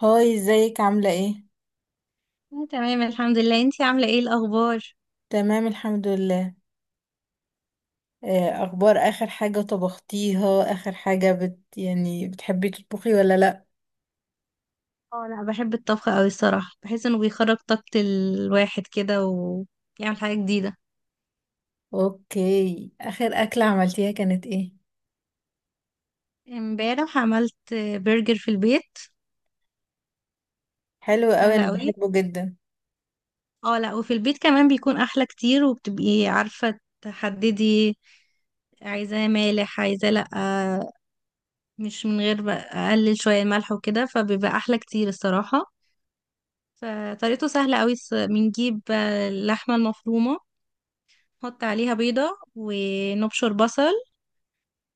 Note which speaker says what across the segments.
Speaker 1: هاي، ازيك عاملة ايه؟
Speaker 2: أنا تمام الحمد لله، انتي عاملة ايه الأخبار؟
Speaker 1: تمام الحمد لله. اخبار اخر حاجة طبختيها، اخر حاجة يعني بتحبي تطبخي ولا لا؟
Speaker 2: اه، انا بحب الطبخ اوي الصراحة، بحس انه بيخرج طاقة الواحد كده ويعمل حاجة جديدة.
Speaker 1: اوكي، اخر اكلة عملتيها كانت ايه؟
Speaker 2: امبارح عملت برجر في البيت.
Speaker 1: حلوة قوي،
Speaker 2: سهلة
Speaker 1: انا
Speaker 2: اوي.
Speaker 1: بحبه جدا.
Speaker 2: اه لا، وفي البيت كمان بيكون احلى كتير، وبتبقي عارفة تحددي عايزاه مالح عايزاه لا، مش من غير بقى. اقلل شوية الملح وكده فبيبقى احلى كتير الصراحة. فطريقته سهلة اوي، بنجيب اللحمة المفرومة، نحط عليها بيضة، ونبشر بصل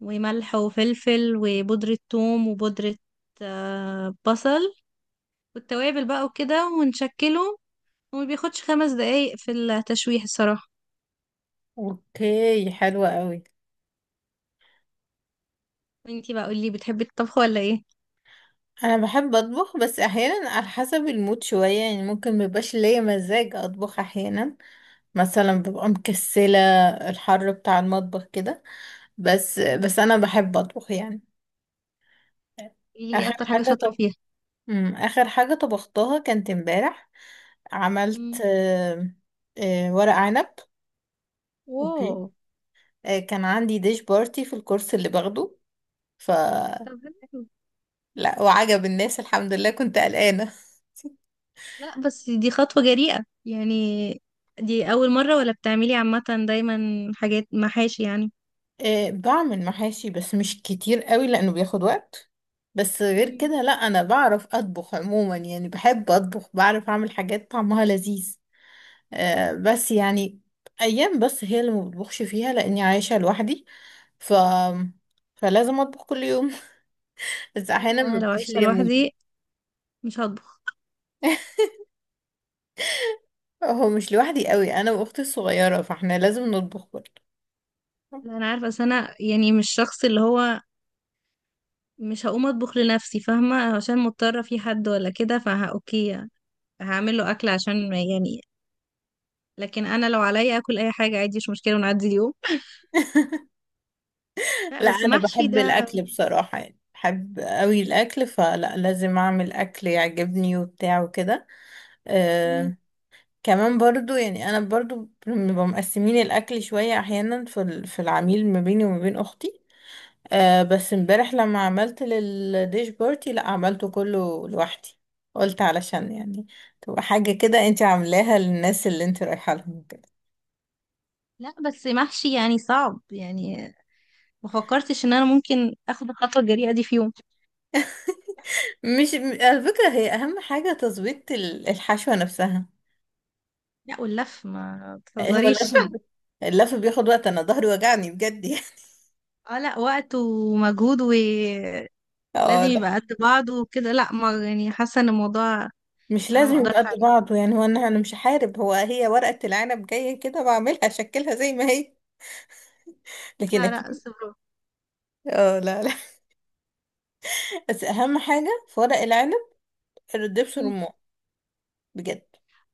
Speaker 2: وملح وفلفل وبودرة ثوم وبودرة بصل، والتوابل بقى وكده ونشكله. وما بياخدش 5 دقايق في التشويح الصراحة.
Speaker 1: اوكي، حلوة قوي.
Speaker 2: وانتي بقى قولي، بتحبي الطبخ ولا ايه؟
Speaker 1: انا بحب اطبخ بس احيانا على حسب المود شوية، يعني ممكن مبيبقاش ليا مزاج اطبخ احيانا. مثلا ببقى مكسلة، الحر بتاع المطبخ كده. بس
Speaker 2: مم.
Speaker 1: بس انا بحب اطبخ يعني.
Speaker 2: قولي، ايه
Speaker 1: اخر
Speaker 2: اكتر حاجة
Speaker 1: حاجة،
Speaker 2: شاطرة فيها؟
Speaker 1: آخر حاجة طبختها كانت امبارح.
Speaker 2: مم.
Speaker 1: عملت ورق عنب.
Speaker 2: واو.
Speaker 1: اوكي. كان عندي ديش بارتي في الكورس اللي باخده. ف
Speaker 2: طب حلو.
Speaker 1: لا، وعجب الناس الحمد لله، كنت قلقانة.
Speaker 2: لا، بس دي خطوة جريئة يعني. دي أول مرة ولا بتعملي عامة دايما حاجات محاشي يعني؟
Speaker 1: بعمل محاشي بس مش كتير قوي لأنه بياخد وقت. بس غير
Speaker 2: مم.
Speaker 1: كده، لا أنا بعرف أطبخ عموما، يعني بحب أطبخ، بعرف أعمل حاجات طعمها لذيذ. بس يعني أيام بس هي اللي ما بطبخش فيها لأني عايشة لوحدي. ف فلازم أطبخ كل يوم، بس احيانا ما
Speaker 2: انا لو
Speaker 1: بيبقاش
Speaker 2: عايشة
Speaker 1: ليا مود.
Speaker 2: لوحدي مش هطبخ.
Speaker 1: هو مش لوحدي قوي، انا واختي الصغيره، فاحنا لازم نطبخ برضه.
Speaker 2: لا انا عارفه، بس انا يعني مش شخص اللي هو مش هقوم اطبخ لنفسي، فاهمه؟ عشان مضطره في حد ولا كده فها اوكي، هعمل له اكل عشان يعني. لكن انا لو عليا اكل اي حاجه عادي، مش مشكله ونعدي اليوم. لا
Speaker 1: لا،
Speaker 2: بس
Speaker 1: انا
Speaker 2: محشي
Speaker 1: بحب
Speaker 2: ده.
Speaker 1: الاكل بصراحه، يعني بحب قوي الاكل، فلا لازم اعمل اكل يعجبني وبتاع وكده.
Speaker 2: مم.
Speaker 1: آه، كمان برضو يعني انا برضو بنبقى مقسمين الاكل شويه احيانا، في العميل ما بيني وما بين اختي. بس امبارح لما عملت للديش بارتي، لا عملته كله لوحدي. قلت علشان يعني تبقى حاجة كده انت عاملاها للناس اللي انت رايحة لهم كده.
Speaker 2: لا بس محشي يعني صعب يعني. ما فكرتش ان انا ممكن اخد الخطوه الجريئه دي في يوم.
Speaker 1: مش م- على فكرة، هي أهم حاجة تظبيط الحشوة نفسها.
Speaker 2: لا واللف ما
Speaker 1: هو
Speaker 2: تهزريش.
Speaker 1: اللف، اللف بياخد وقت، أنا ظهري وجعني بجد يعني.
Speaker 2: اه لا، وقت ومجهود، ولازم
Speaker 1: اه، ده
Speaker 2: يبقى قد بعض وكده. لا، ما يعني، حاسه ان الموضوع
Speaker 1: مش
Speaker 2: انا ما
Speaker 1: لازم يبقى
Speaker 2: اقدرش
Speaker 1: قد
Speaker 2: عليه.
Speaker 1: بعضه، يعني هو أنا مش هحارب، هو هي ورقة العنب جاية كده بعملها أشكلها زي ما هي. لكن
Speaker 2: لا لا،
Speaker 1: أكيد.
Speaker 2: بس برافو.
Speaker 1: اه، لا لا. بس أهم حاجة في ورق العنب الدبس رمان، بجد.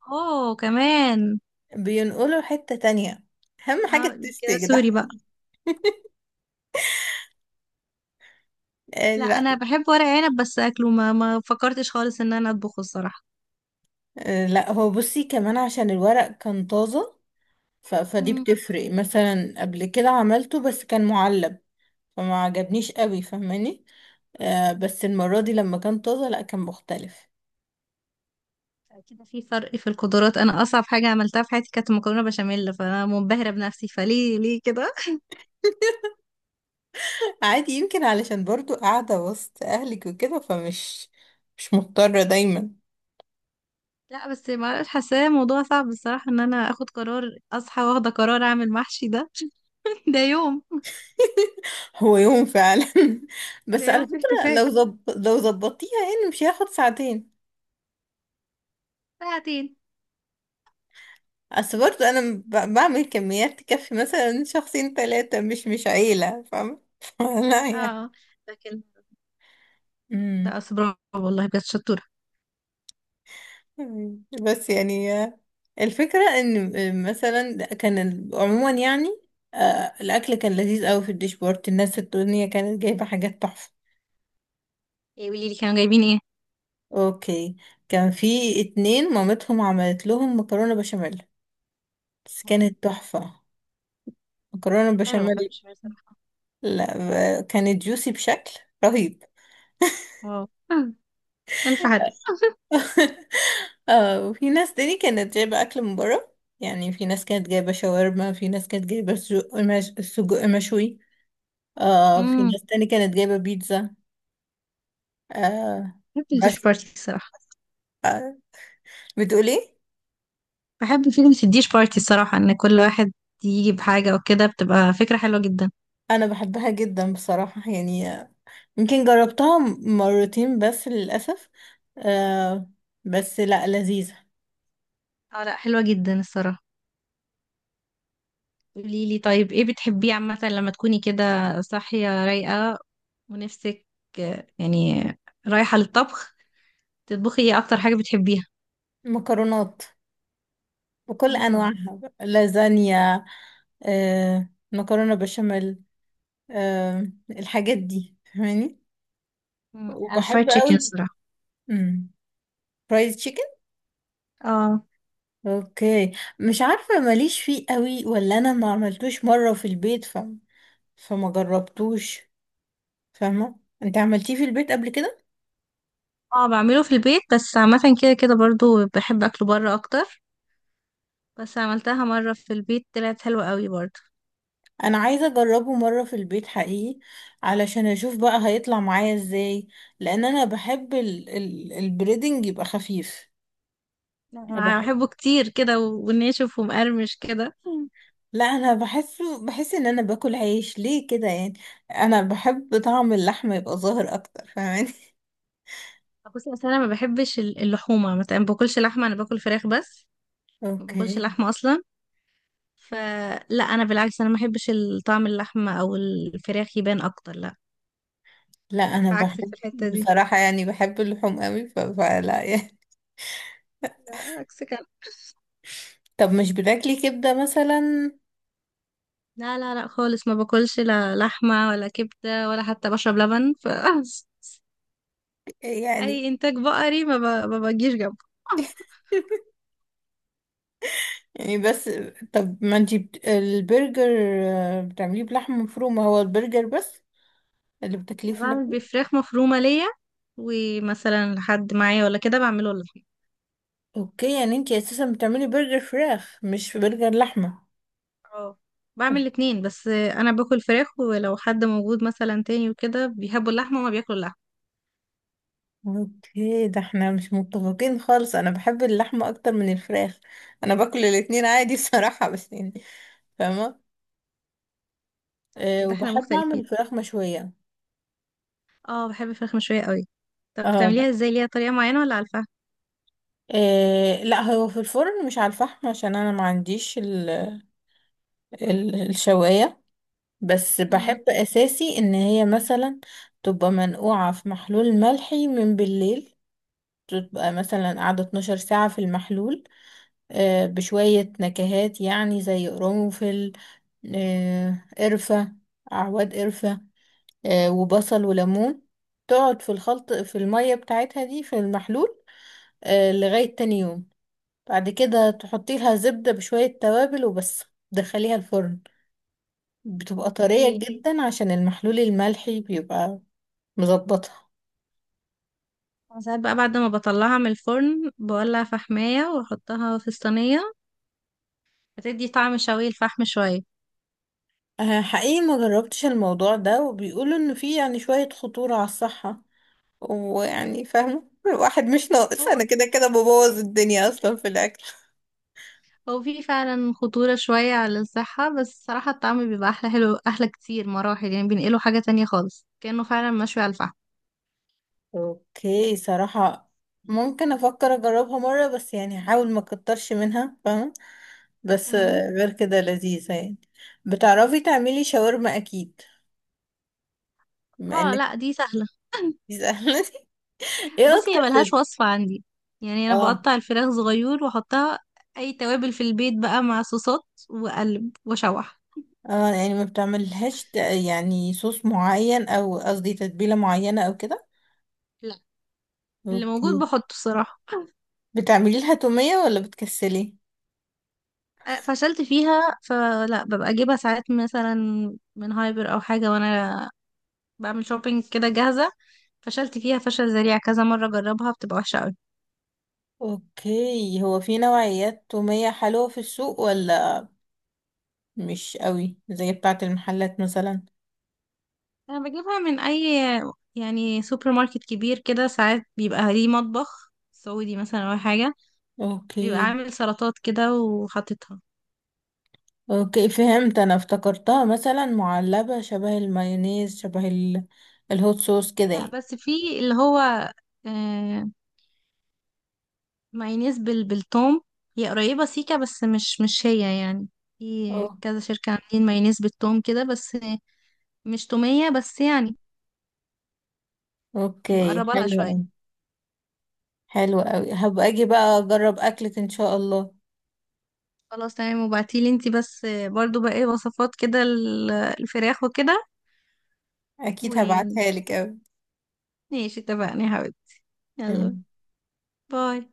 Speaker 2: اوه كمان.
Speaker 1: بينقله حتة تانية، أهم حاجة
Speaker 2: اه،
Speaker 1: التست يا
Speaker 2: كده
Speaker 1: جدع.
Speaker 2: سوري بقى.
Speaker 1: آه،
Speaker 2: لا
Speaker 1: لا.
Speaker 2: انا بحب ورق عنب بس اكله، ما فكرتش خالص ان انا اطبخه الصراحه.
Speaker 1: آه، لا هو بصي، كمان عشان الورق كان طازة. فدي
Speaker 2: امم.
Speaker 1: بتفرق، مثلا قبل كده عملته بس كان معلب، فما عجبنيش قوي فاهماني. بس المرة دي لما كان طازة، لا كان مختلف.
Speaker 2: اكيد في فرق في القدرات. انا اصعب حاجه عملتها في حياتي كانت مكرونه بشاميل، فانا منبهره بنفسي، فليه ليه كده.
Speaker 1: عادي، يمكن علشان برضو قاعدة وسط أهلك وكده، مش مضطرة دايما.
Speaker 2: لا بس ما اعرفش، حاساه موضوع صعب الصراحه ان انا اخد قرار اصحى واخده قرار اعمل محشي ده. ده يوم.
Speaker 1: هو يوم فعلا.
Speaker 2: ده
Speaker 1: بس على
Speaker 2: يوم في
Speaker 1: فكرة،
Speaker 2: احتفال.
Speaker 1: لو ظبطتيها يعني مش هياخد ساعتين.
Speaker 2: ساعتين؟
Speaker 1: اصل برضه انا بعمل كميات تكفي مثلا شخصين ثلاثة، مش عيلة، فاهمة. لا يعني.
Speaker 2: اه لكن.
Speaker 1: امم
Speaker 2: لا أصل برافو والله، بجد شطوره.
Speaker 1: بس يعني، الفكرة ان، مثلا كان عموما يعني، الاكل كان لذيذ قوي في الديش بورت، الناس الدنيا كانت جايبة حاجات تحفة.
Speaker 2: إيه، قولي لي كانوا جايبين ايه.
Speaker 1: اوكي، كان في اتنين مامتهم عملت لهم مكرونة بشاميل بس
Speaker 2: هم-
Speaker 1: كانت تحفة. مكرونة
Speaker 2: حلو، مكرونه
Speaker 1: بشاميل،
Speaker 2: بشاميل صراحه.
Speaker 1: لا، كانت جوسي بشكل رهيب.
Speaker 2: واو. ألف حدث.
Speaker 1: اه وفي ناس تاني كانت جايبة أكل من بره، يعني في ناس كانت جايبة شاورما، في ناس كانت جايبة سجق مش... سجق مشوي. في
Speaker 2: امم.
Speaker 1: ناس تاني كانت جايبة بيتزا. آه،
Speaker 2: بحب الديش
Speaker 1: بس
Speaker 2: بارتي الصراحة.
Speaker 1: بتقولي.
Speaker 2: بحب فكرة الديش بارتي الصراحة، إن كل واحد يجي بحاجة وكده، بتبقى فكرة حلوة جدا.
Speaker 1: أنا بحبها جدا بصراحة، يعني يمكن جربتها مرتين بس للأسف. آه، بس لا، لذيذة.
Speaker 2: اه لا، حلوة جدا الصراحة. قوليلي طيب، ايه بتحبيه عامة لما تكوني كده صاحية رايقة ونفسك يعني رايحة للطبخ، تطبخي ايه أكتر حاجة بتحبيها؟
Speaker 1: مكرونات بكل
Speaker 2: امم.
Speaker 1: أنواعها، لازانيا، مكرونة بشاميل، الحاجات دي فاهماني،
Speaker 2: أنا فرايد
Speaker 1: وبحب
Speaker 2: تشيكن
Speaker 1: قوي.
Speaker 2: الصراحة.
Speaker 1: امم فرايد تشيكن.
Speaker 2: اه.
Speaker 1: اوكي، مش عارفه ماليش فيه قوي، ولا انا ما عملتوش مره في البيت. فما جربتوش، فاهمه انت عملتيه في البيت قبل كده.
Speaker 2: اه، بعمله في البيت بس عامة كده كده برضو بحب أكله بره أكتر. بس عملتها مرة في البيت طلعت حلوة قوي برضو.
Speaker 1: انا عايزه اجربه مره في البيت حقيقي، علشان اشوف بقى هيطلع معايا ازاي، لان انا بحب البريدنج يبقى خفيف.
Speaker 2: لا،
Speaker 1: أنا
Speaker 2: انا
Speaker 1: بحب.
Speaker 2: بحبه كتير كده و- وناشف ومقرمش كده.
Speaker 1: لا انا بحس ان انا باكل عيش ليه كده يعني. انا بحب طعم اللحمه يبقى ظاهر اكتر فاهماني.
Speaker 2: بصي اصل انا ما بحبش اللحومه، مثلا ما باكلش لحمه، انا باكل فراخ بس. ما باكلش
Speaker 1: اوكي.
Speaker 2: لحمه اصلا. فلا، انا بالعكس، انا ما بحبش طعم اللحمه او الفراخ يبان اكتر، لا.
Speaker 1: لا انا
Speaker 2: فعكسك في
Speaker 1: بحب
Speaker 2: الحته دي.
Speaker 1: بصراحة، يعني بحب اللحوم قوي، فلا يعني.
Speaker 2: لا عكسك أنا.
Speaker 1: طب مش بتاكلي كبدة مثلا؟
Speaker 2: لا لا لا خالص، ما باكلش لا لحمه ولا كبده ولا حتى بشرب لبن، ف.
Speaker 1: يعني
Speaker 2: اي انتاج بقري ما بجيش جنبه.
Speaker 1: يعني بس. طب ما انتي البرجر، بتعمليه بلحمة مفرومة، هو البرجر بس اللي بتاكليه في
Speaker 2: بعمل
Speaker 1: اللحوم.
Speaker 2: بفراخ مفرومه ليا، ومثلا لحد معايا ولا كده بعمله لحمه.
Speaker 1: اوكي، يعني انتي اساسا بتعملي برجر فراخ مش برجر لحمة.
Speaker 2: اه، بعمل
Speaker 1: أوك-
Speaker 2: الاتنين، بس انا باكل فراخ، ولو حد موجود مثلا تاني وكده بيحبوا اللحمه، وما بياكلوا اللحمه.
Speaker 1: اوكي، ده احنا مش متفقين خالص، انا بحب اللحمة اكتر من الفراخ. انا باكل الاتنين عادي بصراحة بس يعني، فاهمة.
Speaker 2: لا، كده احنا
Speaker 1: وبحب اعمل
Speaker 2: مختلفين.
Speaker 1: فراخ مشوية.
Speaker 2: اه، بحب الفراخ مشويه قوي. طب
Speaker 1: اه، لا.
Speaker 2: بتعمليها ازاي، ليها طريقه معينه ولا على الفحم؟
Speaker 1: إيه، لا هو في الفرن مش على الفحم عشان انا ما عنديش ال ال الشواية. بس
Speaker 2: مم.
Speaker 1: بحب اساسي ان هي مثلا تبقى منقوعة في محلول ملحي من بالليل، تبقى مثلا قاعدة 12 ساعة في المحلول، إيه بشوية نكهات يعني زي قرنفل، إيه قرفة، اعواد قرفة، إيه وبصل وليمون. تقعد في الخلط في المية بتاعتها دي في المحلول، إيه لغاية تاني يوم. بعد كده تحطي لها زبدة بشوية توابل وبس، دخليها الفرن، بتبقى طرية
Speaker 2: اوكي.
Speaker 1: جدا عشان المحلول الملحي بيبقى مظبطها.
Speaker 2: أنا ساعات بقى بعد ما بطلعها من الفرن بولع فحمايه واحطها في الصينيه، بتدي طعم شوي الفحم شويه.
Speaker 1: حقيقي ما جربتش الموضوع ده، وبيقولوا ان فيه يعني شوية خطورة على الصحة، ويعني فاهمة الواحد مش ناقص،
Speaker 2: هو
Speaker 1: انا كده كده ببوظ الدنيا اصلا في الاكل.
Speaker 2: هو في فعلا خطوره شويه على الصحه، بس صراحه الطعم بيبقى احلى، حلو احلى كتير مراحل، يعني بينقله حاجه تانية خالص، كانه فعلا مشوي على الفحم.
Speaker 1: اوكي صراحة، ممكن افكر اجربها مرة، بس يعني هحاول ما اكترش منها فاهمة. بس
Speaker 2: مم.
Speaker 1: غير كده لذيذة يعني. بتعرفي تعملي شاورما اكيد، بما
Speaker 2: اه
Speaker 1: انك
Speaker 2: لا، دي سهلة.
Speaker 1: بتسألني. ايه
Speaker 2: بصي،
Speaker 1: اكتر
Speaker 2: هي ملهاش وصفة عندي، يعني انا
Speaker 1: اه.
Speaker 2: بقطع الفراخ صغير واحطها. اي توابل في البيت بقى مع صوصات، واقلب واشوح.
Speaker 1: اه، يعني ما بتعملهاش يعني صوص معين، او قصدي تتبيلة معينة او كده.
Speaker 2: لا. اللي موجود
Speaker 1: اوكي.
Speaker 2: بحطه الصراحة.
Speaker 1: بتعملي لها تومية ولا بتكسلي؟
Speaker 2: فشلت فيها، فلا ببقى اجيبها ساعات مثلا من هايبر او حاجة، وانا بعمل شوبينج كده جاهزة. فشلت فيها فشل ذريع كذا مرة، جربها بتبقى وحشة قوي.
Speaker 1: اوكي، هو في نوعيات تومية حلوة في السوق، ولا مش قوي زي بتاعة المحلات مثلا؟
Speaker 2: انا بجيبها من اي يعني سوبر ماركت كبير كده، ساعات بيبقى ليه مطبخ سعودي مثلا او حاجة، بيبقى
Speaker 1: اوكي،
Speaker 2: عامل سلطات كده وحاططها.
Speaker 1: اوكي فهمت، انا افتكرتها مثلا معلبة شبه المايونيز، شبه الهوت صوص كده
Speaker 2: لا
Speaker 1: يعني.
Speaker 2: بس في اللي هو آه مايونيز بالثوم. هي قريبة سيكا بس مش هي يعني. في
Speaker 1: أوه.
Speaker 2: كذا شركة عاملين مايونيز بالثوم كده بس. مش تومية بس يعني.
Speaker 1: اوكي،
Speaker 2: مقربة لها
Speaker 1: حلو
Speaker 2: شوية.
Speaker 1: أوي. حلو قوي، هبقى اجي بقى اجرب اكلك ان شاء الله.
Speaker 2: خلاص تمام، وبعتيلي انتي بس برضو بقى ايه وصفات كده الفراخ وكده.
Speaker 1: اكيد
Speaker 2: وماشي،
Speaker 1: هبعتها لك قوي.
Speaker 2: اتفقنا يا حبيبي. يلا،
Speaker 1: تمام.
Speaker 2: باي.